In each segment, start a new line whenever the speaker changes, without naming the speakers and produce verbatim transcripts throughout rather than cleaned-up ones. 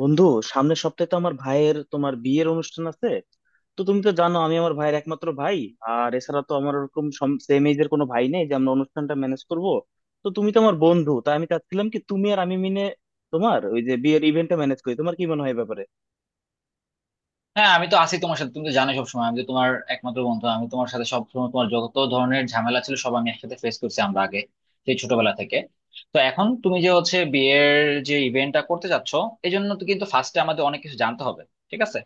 বন্ধু, সামনের সপ্তাহে তো আমার ভাইয়ের তোমার বিয়ের অনুষ্ঠান আছে। তো তুমি তো জানো, আমি আমার ভাইয়ের একমাত্র ভাই। আর এছাড়া তো আমার ওরকম সেম এজের কোনো ভাই নেই যে আমরা অনুষ্ঠানটা ম্যানেজ করব। তো তুমি তো আমার বন্ধু, তাই আমি চাচ্ছিলাম কি তুমি আর আমি মিলে তোমার ওই যে বিয়ের ইভেন্টটা ম্যানেজ করি। তোমার কি মনে হয় এ ব্যাপারে?
হ্যাঁ, আমি তো আছি তোমার সাথে। তুমি তো জানো সবসময়। আমি তো তোমার একমাত্র বন্ধু। আমি তোমার সাথে সবসময় তোমার যত ধরনের ঝামেলা ছিল সব আমি একসাথে ফেস করছি আমরা আগে সেই ছোটবেলা থেকে। তো এখন তুমি যে হচ্ছে বিয়ের যে ইভেন্টটা করতে যাচ্ছ, এই জন্য তো কিন্তু ফার্স্টে আমাদের অনেক কিছু জানতে হবে, ঠিক আছে।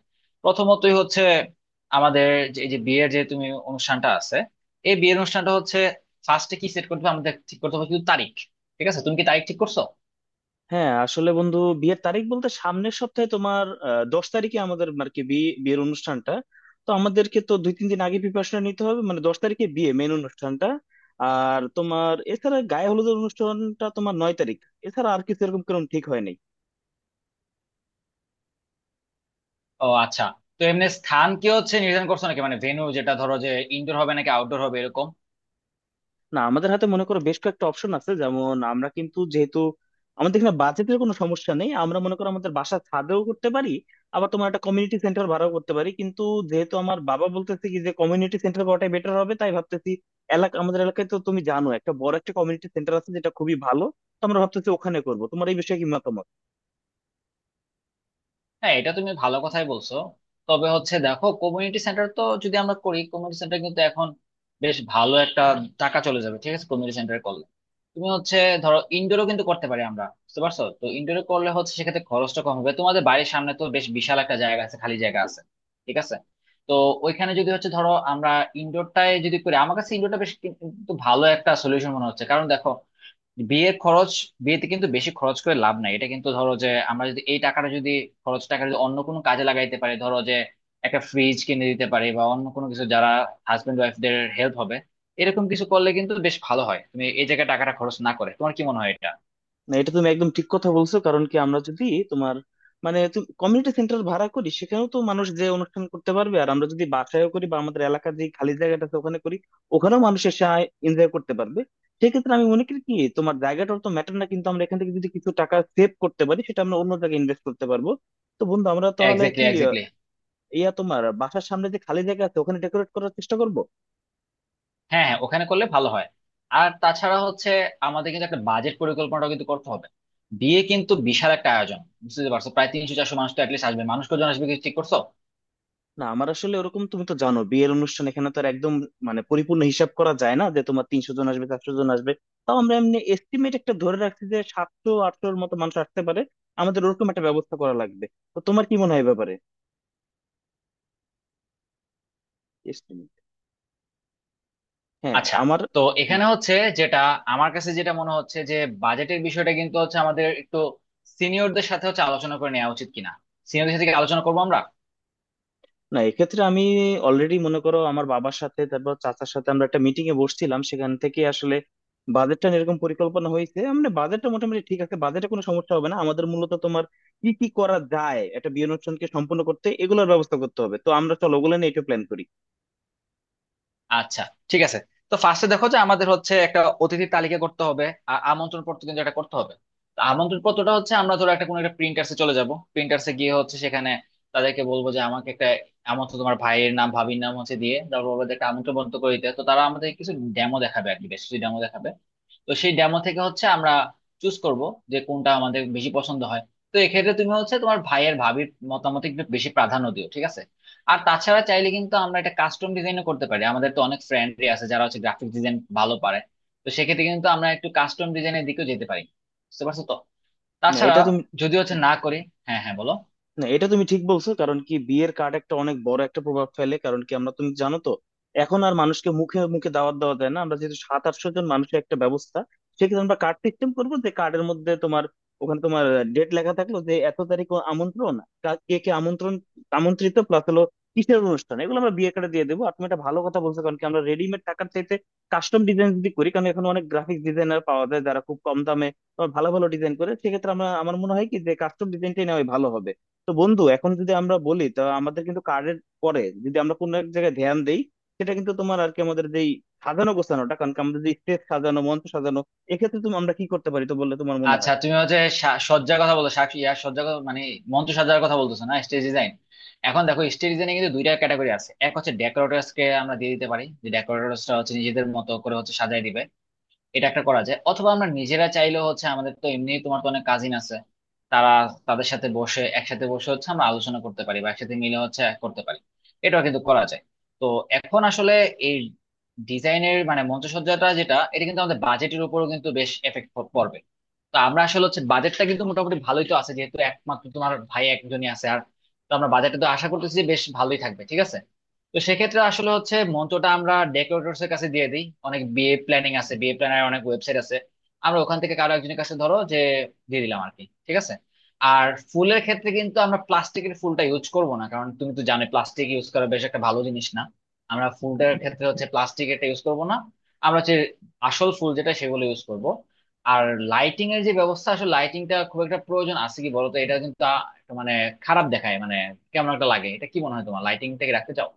প্রথমতই হচ্ছে আমাদের যে এই যে বিয়ের যে তুমি অনুষ্ঠানটা আছে, এই বিয়ের অনুষ্ঠানটা হচ্ছে ফার্স্টে কি সেট করতে হবে, আমাদের ঠিক করতে হবে কিন্তু তারিখ। ঠিক আছে, তুমি কি তারিখ ঠিক করছো?
হ্যাঁ আসলে বন্ধু, বিয়ের তারিখ বলতে সামনের সপ্তাহে তোমার আহ, দশ তারিখে আমাদের আর কি বিয়ে বিয়ের অনুষ্ঠানটা। তো আমাদেরকে তো দুই তিন দিন আগে প্রিপারেশন নিতে হবে, মানে দশ তারিখে বিয়ে মেন অনুষ্ঠানটা। আর তোমার এছাড়া গায়ে হলুদের অনুষ্ঠানটা তোমার নয় তারিখ। এছাড়া আর কিছু এরকম কোনো ঠিক হয়নি।
ও আচ্ছা। তো এমনি স্থান কি হচ্ছে নির্ধারণ করছো নাকি, মানে ভেন্যু, যেটা ধরো যে ইনডোর হবে নাকি আউটডোর হবে এরকম?
না, আমাদের হাতে মনে করো বেশ কয়েকটা অপশন আছে। যেমন আমরা কিন্তু, যেহেতু আমাদের এখানে বাজেটের কোনো সমস্যা নেই, আমরা মনে করো আমাদের বাসা ছাদেও করতে পারি, আবার তোমার একটা কমিউনিটি সেন্টার ভাড়াও করতে পারি। কিন্তু যেহেতু আমার বাবা বলতেছে কি যে কমিউনিটি সেন্টার করাটাই বেটার হবে, তাই ভাবতেছি এলাকা, আমাদের এলাকায় তো তুমি জানো একটা বড় একটা কমিউনিটি সেন্টার আছে যেটা খুবই ভালো। তো আমরা ভাবতেছি ওখানে করবো। তোমার এই বিষয়ে কি মতামত?
হ্যাঁ, এটা তুমি ভালো কথাই বলছো। তবে হচ্ছে দেখো, কমিউনিটি সেন্টার তো যদি আমরা করি, কমিউনিটি সেন্টার কিন্তু এখন বেশ ভালো একটা টাকা চলে যাবে, ঠিক আছে। কমিউনিটি সেন্টার করলে তুমি হচ্ছে ধরো ইনডোরও কিন্তু করতে পারি আমরা, বুঝতে পারছো তো? ইনডোরে করলে হচ্ছে সেক্ষেত্রে খরচটা কম হবে। তোমাদের বাড়ির সামনে তো বেশ বিশাল একটা জায়গা আছে, খালি জায়গা আছে, ঠিক আছে। তো ওইখানে যদি হচ্ছে ধরো আমরা ইনডোরটায় যদি করি, আমার কাছে ইনডোরটা বেশ কিন্তু ভালো একটা সলিউশন মনে হচ্ছে, কারণ দেখো বিয়ের খরচ, বিয়েতে কিন্তু বেশি খরচ করে লাভ নাই। এটা কিন্তু ধরো যে আমরা যদি এই টাকাটা যদি খরচ, টাকা যদি অন্য কোনো কাজে লাগাইতে পারি, ধরো যে একটা ফ্রিজ কিনে দিতে পারি বা অন্য কোনো কিছু যারা হাজবেন্ড ওয়াইফদের হেল্প হবে, এরকম কিছু করলে কিন্তু বেশ ভালো হয়। তুমি এই জায়গায় টাকাটা খরচ না করে, তোমার কি মনে হয় এটা?
না, এটা তুমি একদম ঠিক কথা বলছো। কারণ কি, আমরা যদি তোমার মানে কমিউনিটি সেন্টার ভাড়া করি সেখানেও তো মানুষ যে অনুষ্ঠান করতে পারবে, আর আমরা যদি বাসায়ও করি বা আমাদের এলাকার যে খালি জায়গাটা আছে ওখানে করি, ওখানেও মানুষ এসে এনজয় করতে পারবে। সেক্ষেত্রে আমি মনে করি কি তোমার জায়গাটা তো ম্যাটার না, কিন্তু আমরা এখান থেকে যদি কিছু টাকা সেভ করতে পারি সেটা আমরা অন্য জায়গায় ইনভেস্ট করতে পারবো। তো বন্ধু, আমরা তাহলে
এক্স্যাক্টলি,
কি আহ,
এক্স্যাক্টলি।
ইয়া, তোমার বাসার সামনে যে খালি জায়গা আছে ওখানে ডেকোরেট করার চেষ্টা করব।
হ্যাঁ হ্যাঁ, ওখানে করলে ভালো হয়। আর তাছাড়া হচ্ছে আমাদের কিন্তু একটা বাজেট পরিকল্পনাটা কিন্তু করতে হবে। বিয়ে কিন্তু বিশাল একটা আয়োজন, বুঝতে পারছো। প্রায় তিনশো চারশো মানুষ তো অ্যাটলিস্ট আসবে। মানুষ কজন আসবে কিছু ঠিক করছো?
না, আমার আসলে ওরকম, তুমি তো জানো বিয়ের অনুষ্ঠান এখানে তো আর একদম মানে পরিপূর্ণ হিসাব করা যায় না যে তোমার তিনশো জন আসবে চারশো জন আসবে। তাও আমরা এমনি এস্টিমেট একটা ধরে রাখছি যে সাতশো আটশোর মতো মানুষ আসতে পারে। আমাদের ওরকম একটা ব্যবস্থা করা লাগবে। তো তোমার কি মনে হয় এ ব্যাপারে এস্টিমেট? হ্যাঁ
আচ্ছা।
আমার।
তো এখানে হচ্ছে যেটা আমার কাছে যেটা মনে হচ্ছে যে বাজেটের বিষয়টা কিন্তু হচ্ছে আমাদের একটু সিনিয়রদের সাথে হচ্ছে আলোচনা করে নেওয়া উচিত কিনা। সিনিয়রদের সাথে কি আলোচনা করবো আমরা?
না, এক্ষেত্রে আমি অলরেডি মনে করো আমার বাবার সাথে, তারপর চাচার সাথে আমরা একটা মিটিং এ বসছিলাম, সেখান থেকে আসলে বাজেটটা এরকম পরিকল্পনা হয়েছে। মানে বাজেটটা মোটামুটি ঠিক আছে, বাজেটে কোনো সমস্যা হবে না আমাদের। মূলত তোমার কি কি করা যায় একটা বিয়ে অনুষ্ঠানকে সম্পূর্ণ করতে এগুলোর ব্যবস্থা করতে হবে। তো আমরা চলো ওগুলো নিয়ে একটু প্ল্যান করি।
আচ্ছা, ঠিক আছে। তো ফার্স্টে দেখো যে আমাদের হচ্ছে একটা অতিথি তালিকা করতে হবে, আর আমন্ত্রণ পত্র কিন্তু এটা করতে হবে। তো আমন্ত্রণ পত্রটা হচ্ছে আমরা ধরো একটা কোনো একটা প্রিন্টার্সে চলে যাব, প্রিন্টার্সে গিয়ে হচ্ছে সেখানে তাদেরকে বলবো যে আমাকে একটা আমন্ত্রণ, তোমার ভাইয়ের নাম ভাবির নাম হচ্ছে দিয়ে, তারপর বলবো যে একটা আমন্ত্রণ পত্র করে দিতে। তো তারা আমাদের কিছু ডেমো দেখাবে আর কি, বেশ কিছু ডেমো দেখাবে। তো সেই ডেমো থেকে হচ্ছে আমরা চুজ করব যে কোনটা আমাদের বেশি পছন্দ হয়। তো এক্ষেত্রে তুমি হচ্ছে তোমার ভাইয়ের ভাবির মতামত একটু বেশি প্রাধান্য দিও, ঠিক আছে। আর তাছাড়া চাইলে কিন্তু আমরা এটা কাস্টম ডিজাইনও করতে পারি। আমাদের তো অনেক ফ্রেন্ডই আছে যারা হচ্ছে গ্রাফিক ডিজাইন ভালো পারে। তো সেক্ষেত্রে কিন্তু আমরা একটু কাস্টম ডিজাইনের দিকেও যেতে পারি, বুঝতে পারছো তো।
না
তাছাড়া
এটা তুমি
যদি হচ্ছে না করি। হ্যাঁ হ্যাঁ, বলো।
না, এটা তুমি ঠিক বলছো। কারণ কি বিয়ের কার্ড একটা অনেক বড় একটা প্রভাব ফেলে। কারণ কি আমরা, তুমি জানো তো, এখন আর মানুষকে মুখে মুখে দাওয়াত দেওয়া যায় না। আমরা যেহেতু সাত আটশো জন মানুষের একটা ব্যবস্থা, সেক্ষেত্রে আমরা কার্ড সিস্টেম করবো, যে কার্ডের মধ্যে তোমার ওখানে তোমার ডেট লেখা থাকলো যে এত তারিখ ও আমন্ত্রণ, কা- কে কে আমন্ত্রণ আমন্ত্রিত প্লাস হলো কিসের অনুষ্ঠান, এগুলো আমরা বিয়ে কার্ডে দিয়ে দেবো। আর তুমি একটা ভালো কথা বলছো, কারণ কি আমরা রেডিমেড টাকার চাইতে কাস্টম ডিজাইন যদি করি, কারণ এখন অনেক গ্রাফিক ডিজাইনার পাওয়া যায় যারা খুব কম দামে তোমার ভালো ভালো ডিজাইন করে। সেক্ষেত্রে আমরা আমার মনে হয় কি যে কাস্টম ডিজাইনটাই নেওয়াই ভালো হবে। তো বন্ধু এখন যদি আমরা বলি, তা আমাদের কিন্তু কার্ডের পরে যদি আমরা কোনো এক জায়গায় ধ্যান দেই, সেটা কিন্তু তোমার আর কি আমাদের যেই সাজানো গোছানোটা, কারণ কি আমাদের যে স্টেজ সাজানো মঞ্চ সাজানো। এক্ষেত্রে তুমি আমরা কি করতে পারি তো বললে তোমার মনে
আচ্ছা,
হয়?
তুমি হচ্ছে সা- সজ্জার কথা বলতো, শাক ইয়ার সজ্জার কথা, মানে মঞ্চ সজ্জার কথা বলতেছো না, স্টেজ ডিজাইন? এখন দেখো স্টেজ ডিজাইনে কিন্তু দুইটা ক্যাটাগরি আছে। এক হচ্ছে ডেকোরেটরস কে আমরা দিয়ে দিতে পারি, যে ডেকোরেটরস টা হচ্ছে নিজেদের মতো করে হচ্ছে সাজায় দিবে। এটা একটা করা যায়, অথবা আমরা নিজেরা চাইলেও হচ্ছে, আমাদের তো এমনি তোমার তো অনেক কাজিন আছে, তারা, তাদের সাথে বসে, একসাথে বসে হচ্ছে আমরা আলোচনা করতে পারি বা একসাথে মিলে হচ্ছে করতে পারি, এটাও কিন্তু করা যায়। তো এখন আসলে এই ডিজাইনের মানে মঞ্চসজ্জাটা যেটা, এটা কিন্তু আমাদের বাজেটের উপরও কিন্তু বেশ এফেক্ট পড়বে। তো আমরা আসলে হচ্ছে বাজেটটা কিন্তু মোটামুটি ভালোই তো আছে, যেহেতু একমাত্র তোমার ভাই একজনই আছে, আর তো আমরা বাজেটটা তো আশা করতেছি যে বেশ ভালোই থাকবে, ঠিক আছে। তো সেক্ষেত্রে আসলে হচ্ছে মঞ্চটা আমরা ডেকোরেটরস এর কাছে দিয়ে দিই। অনেক বিয়ে প্ল্যানিং আছে, বিয়ে প্ল্যানার অনেক ওয়েবসাইট আছে। আমরা ওখান থেকে কারো একজনের কাছে ধরো যে দিয়ে দিলাম আর কি, ঠিক আছে। আর ফুলের ক্ষেত্রে কিন্তু আমরা প্লাস্টিকের ফুলটা ইউজ করব না, কারণ তুমি তো জানো প্লাস্টিক ইউজ করা বেশ একটা ভালো জিনিস না। আমরা ফুলটার ক্ষেত্রে হচ্ছে প্লাস্টিক এটা ইউজ করব না, আমরা হচ্ছে আসল ফুল যেটা সেগুলো ইউজ করব। আর লাইটিং এর যে ব্যবস্থা, আসলে লাইটিংটা খুব একটা প্রয়োজন আছে কি বলতো? এটা কিন্তু আ- একটা মানে খারাপ দেখায় মানে, কেমন একটা লাগে। এটা কি মনে হয় তোমার, লাইটিংটাকে রাখতে চাও?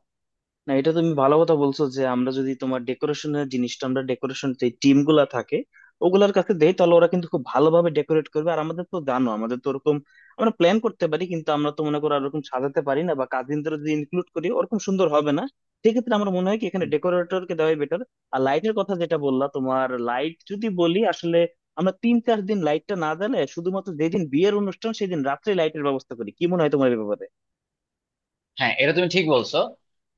না, এটা তুমি ভালো কথা বলছো যে আমরা যদি তোমার ডেকোরেশনের জিনিসটা আমরা ডেকোরেশন যে টিম গুলা থাকে ওগুলার কাছে দেই, তাহলে ওরা কিন্তু খুব ভালোভাবে ডেকোরেট করবে। আর আমাদের তো জানো আমাদের তো ওরকম আমরা প্ল্যান করতে পারি, কিন্তু আমরা তো মনে করো আর ওরকম সাজাতে পারি না, বা কাজিনদের যদি ইনক্লুড করি ওরকম সুন্দর হবে না। সেক্ষেত্রে আমার মনে হয় কি এখানে ডেকোরেটরকে দেওয়াই বেটার। আর লাইটের কথা যেটা বললা তোমার, লাইট যদি বলি আসলে আমরা তিন চার দিন লাইটটা না দিলে শুধুমাত্র যেদিন বিয়ের অনুষ্ঠান সেদিন রাত্রে লাইটের ব্যবস্থা করি, কি মনে হয় তোমার এই ব্যাপারে?
হ্যাঁ, এটা তুমি ঠিক বলছো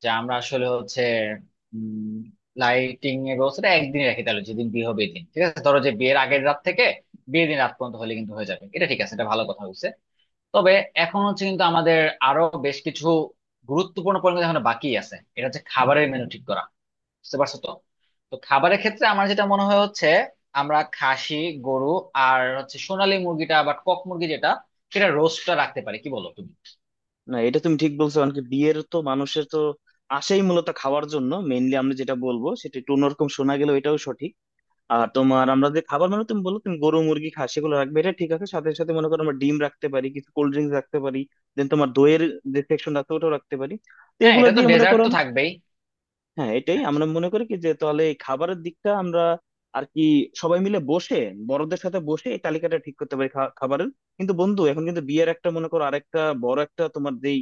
যে আমরা আসলে হচ্ছে লাইটিং এর ব্যবস্থাটা একদিন রাখি, তাহলে যেদিন বিয়ে হবে এদিন, ঠিক আছে, ধরো যে বিয়ের আগের রাত থেকে বিয়ের দিন রাত পর্যন্ত হলে কিন্তু হয়ে যাবে, এটা ঠিক আছে, এটা ভালো কথা বলছে। তবে এখন হচ্ছে কিন্তু আমাদের আরো বেশ কিছু গুরুত্বপূর্ণ পরিমাণ এখন বাকি আছে, এটা হচ্ছে খাবারের মেনু ঠিক করা, বুঝতে পারছো তো। তো খাবারের ক্ষেত্রে আমার যেটা মনে হয় হচ্ছে আমরা খাসি, গরু, আর হচ্ছে সোনালী মুরগিটা বা কক মুরগি যেটা, সেটা রোস্টটা রাখতে পারি, কি বলো তুমি?
না, এটা তুমি ঠিক বলছো। কারণ কি বিয়ের তো মানুষের তো আসেই মূলত খাওয়ার জন্য মেইনলি। আমরা যেটা বলবো সেটা একটু অন্যরকম শোনা গেল, এটাও সঠিক। আর তোমার আমরা যে খাবার মানে তুমি বললো তুমি গরু মুরগি খা, সেগুলো রাখবে এটা ঠিক আছে। সাথে সাথে মনে করো আমরা ডিম রাখতে পারি, কিছু কোল্ড ড্রিঙ্কস রাখতে পারি, দেন তোমার দইয়ের যে সেকশন আছে ওটাও রাখতে পারি। তো
হ্যাঁ,
এগুলো
এটা তো
দিয়ে মনে
ডেজার্ট
করো,
তো থাকবেই।
হ্যাঁ এটাই আমরা মনে করি কি যে তাহলে এই খাবারের দিকটা আমরা আর কি সবাই মিলে বসে, বড়দের সাথে বসে এই তালিকাটা ঠিক করতে পারি খা- খাবারের। কিন্তু বন্ধু এখন কিন্তু বিয়ের একটা মনে করো আরেকটা বড় একটা তোমার যেই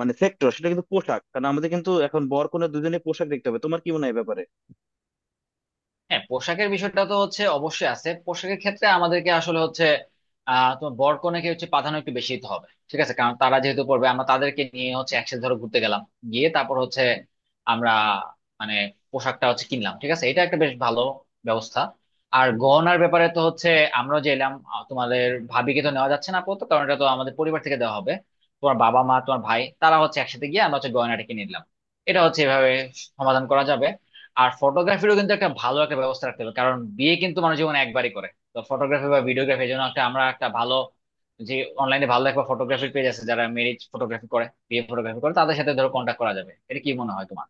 মানে সেক্টর সেটা কিন্তু পোশাক, কারণ আমাদের কিন্তু এখন বর কনে দুজনে পোশাক দেখতে হবে। তোমার কি মনে হয় এই ব্যাপারে?
হ্যাঁ, পোশাকের বিষয়টা তো হচ্ছে অবশ্যই আছে। পোশাকের ক্ষেত্রে আমাদেরকে আসলে হচ্ছে আহ, তোমার বর কনেকে হচ্ছে প্রাধান্য একটু বেশি দিতে হবে, ঠিক আছে, কারণ তারা যেহেতু পড়বে। আমরা তাদেরকে নিয়ে হচ্ছে একসাথে ধরো ঘুরতে গেলাম, গিয়ে তারপর হচ্ছে আমরা মানে পোশাকটা হচ্ছে কিনলাম, ঠিক আছে, এটা একটা বেশ ভালো ব্যবস্থা। আর গহনার ব্যাপারে তো হচ্ছে আমরা যে এলাম, আহ, তোমাদের ভাবিকে তো নেওয়া যাচ্ছে না আপাতত, কারণ এটা তো আমাদের পরিবার থেকে দেওয়া হবে। তোমার বাবা মা তোমার ভাই তারা হচ্ছে একসাথে গিয়ে আমরা হচ্ছে গয়নাটা কিনে নিলাম, এটা হচ্ছে এভাবে সমাধান করা যাবে। আর ফটোগ্রাফিরও কিন্তু একটা ভালো একটা ব্যবস্থা রাখতে হবে, কারণ বিয়ে কিন্তু মানুষ জীবনে একবারই করে। তো ফটোগ্রাফি বা ভিডিওগ্রাফি এর জন্য একটা আমরা একটা ভালো, যে অনলাইনে ভালো একটা ফটোগ্রাফির পেজ আছে যারা ম্যারেজ ফটোগ্রাফি করে, বিয়ে ফটোগ্রাফি করে, তাদের সাথে ধরো কন্ট্যাক্ট করা যাবে। এটা কি মনে হয় তোমার?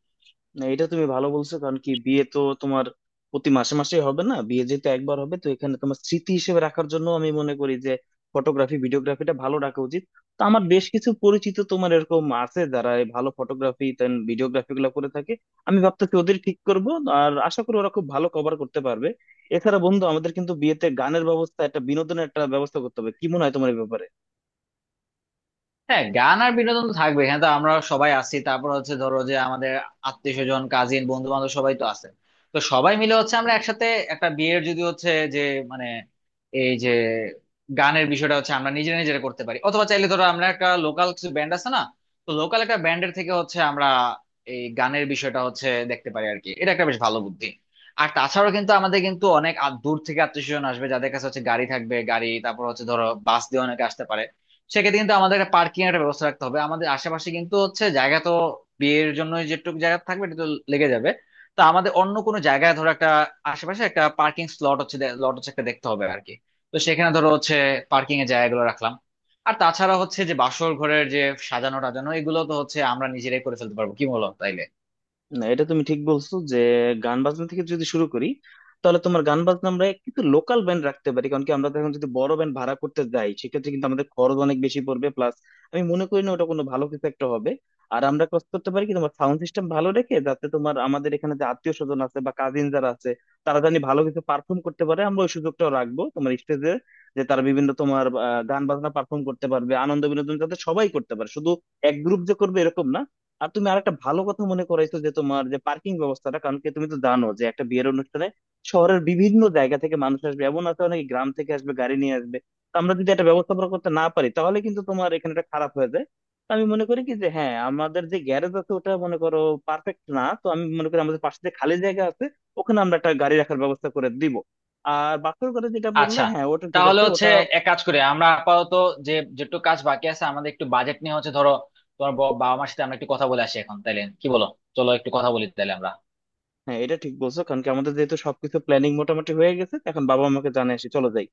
না, এটা তুমি ভালো বলছো। কারণ কি বিয়ে তো তোমার প্রতি মাসে মাসে হবে না, বিয়ে যেহেতু একবার হবে, তো এখানে তোমার স্মৃতি হিসেবে রাখার জন্য আমি মনে করি যে ফটোগ্রাফি ভিডিওগ্রাফিটা ভালো রাখা উচিত। তো আমার বেশ কিছু পরিচিত তোমার এরকম আছে যারা এই ভালো ফটোগ্রাফি দেন ভিডিওগ্রাফি গুলো করে থাকে। আমি ভাবতেছি ওদের ঠিক করব, আর আশা করি ওরা খুব ভালো কভার করতে পারবে। এছাড়া বন্ধু আমাদের কিন্তু বিয়েতে গানের ব্যবস্থা একটা, বিনোদনের একটা ব্যবস্থা করতে হবে। কি মনে হয় তোমার এই ব্যাপারে?
হ্যাঁ, গান আর বিনোদন তো থাকবে। এখানে তো আমরা সবাই আছি, তারপর হচ্ছে ধরো যে আমাদের আত্মীয় স্বজন, কাজিন, বন্ধু বান্ধব সবাই তো আছে। তো সবাই মিলে হচ্ছে আমরা একসাথে একটা বিয়ের, যদি হচ্ছে যে মানে এই যে গানের বিষয়টা হচ্ছে আমরা নিজেরা নিজেরা করতে পারি, অথবা চাইলে ধরো আমরা একটা লোকাল কিছু ব্যান্ড আছে না, তো লোকাল একটা ব্যান্ডের থেকে হচ্ছে আমরা এই গানের বিষয়টা হচ্ছে দেখতে পারি আর কি, এটা একটা বেশ ভালো বুদ্ধি। আর তাছাড়াও কিন্তু আমাদের কিন্তু অনেক আ- দূর থেকে আত্মীয় স্বজন আসবে যাদের কাছে হচ্ছে গাড়ি থাকবে, গাড়ি, তারপর হচ্ছে ধরো বাস দিয়ে অনেকে আসতে পারে। সেক্ষেত্রে কিন্তু আমাদের একটা পার্কিং এর একটা ব্যবস্থা রাখতে হবে। আমাদের আশেপাশে কিন্তু হচ্ছে জায়গা তো বিয়ের জন্য যেটুকু জায়গা থাকবে এটা তো লেগে যাবে। তা আমাদের অন্য কোনো জায়গায় ধরো একটা, আশেপাশে একটা পার্কিং স্লট হচ্ছে, লট হচ্ছে একটা দেখতে হবে আর কি। তো সেখানে ধরো হচ্ছে পার্কিং এর জায়গাগুলো রাখলাম। আর তাছাড়া হচ্ছে যে বাসর ঘরের যে সাজানো টাজানো এগুলো তো হচ্ছে আমরা নিজেরাই করে ফেলতে পারবো, কি বলো তাইলে?
না, এটা তুমি ঠিক বলছো যে গান বাজনা থেকে যদি শুরু করি, তাহলে তোমার গান বাজনা আমরা কিন্তু লোকাল ব্যান্ড রাখতে পারি। কারণ কি আমরা তো এখন যদি বড় ব্যান্ড ভাড়া করতে যাই সেক্ষেত্রে কিন্তু আমাদের খরচ অনেক বেশি পড়বে, প্লাস আমি মনে করি না ওটা কোনো ভালো কিছু একটা হবে। আর আমরা কাজ করতে পারি কি তোমার সাউন্ড সিস্টেম ভালো রেখে, যাতে তোমার আমাদের এখানে যে আত্মীয় স্বজন আছে বা কাজিন যারা আছে তারা জানি ভালো কিছু পারফর্ম করতে পারে, আমরা ওই সুযোগটাও রাখবো তোমার স্টেজে যে তারা বিভিন্ন তোমার আহ, গান বাজনা পারফর্ম করতে পারবে, আনন্দ বিনোদন যাতে সবাই করতে পারে, শুধু এক গ্রুপ যে করবে এরকম না। আর তুমি আরেকটা ভালো কথা মনে করাইছো যে তোমার যে পার্কিং ব্যবস্থাটা, কারণ কি তুমি তো জানো যে একটা বিয়ের অনুষ্ঠানে শহরের বিভিন্ন জায়গা থেকে মানুষ আসবে, এমন আছে অনেকে গ্রাম থেকে আসবে গাড়ি নিয়ে আসবে। তো আমরা যদি একটা ব্যবস্থাপনা করতে না পারি তাহলে কিন্তু তোমার এখানে একটা খারাপ হয়ে যায়। তো আমি মনে করি কি যে হ্যাঁ আমাদের যে গ্যারেজ আছে ওটা মনে করো পারফেক্ট না। তো আমি মনে করি আমাদের পাশে যে খালি জায়গা আছে ওখানে আমরা একটা গাড়ি রাখার ব্যবস্থা করে দিব। আর বাসের কথা যেটা বললে,
আচ্ছা,
হ্যাঁ ওটা ঠিক
তাহলে
আছে
হচ্ছে
ওটা।
এক কাজ করে আমরা আপাতত যে যেটুকু কাজ বাকি আছে আমাদের একটু বাজেট নিয়ে হচ্ছে ধরো তোমার ব- বাবা মার সাথে আমরা একটু কথা বলে আসি এখন, তাইলে কি বলো। চলো একটু কথা বলি তাইলে আমরা।
হ্যাঁ, এটা ঠিক বলছো। কারণ কি আমাদের যেহেতু সবকিছু প্ল্যানিং মোটামুটি হয়ে গেছে, এখন বাবা মাকে জানিয়ে আসি, চলো যাই।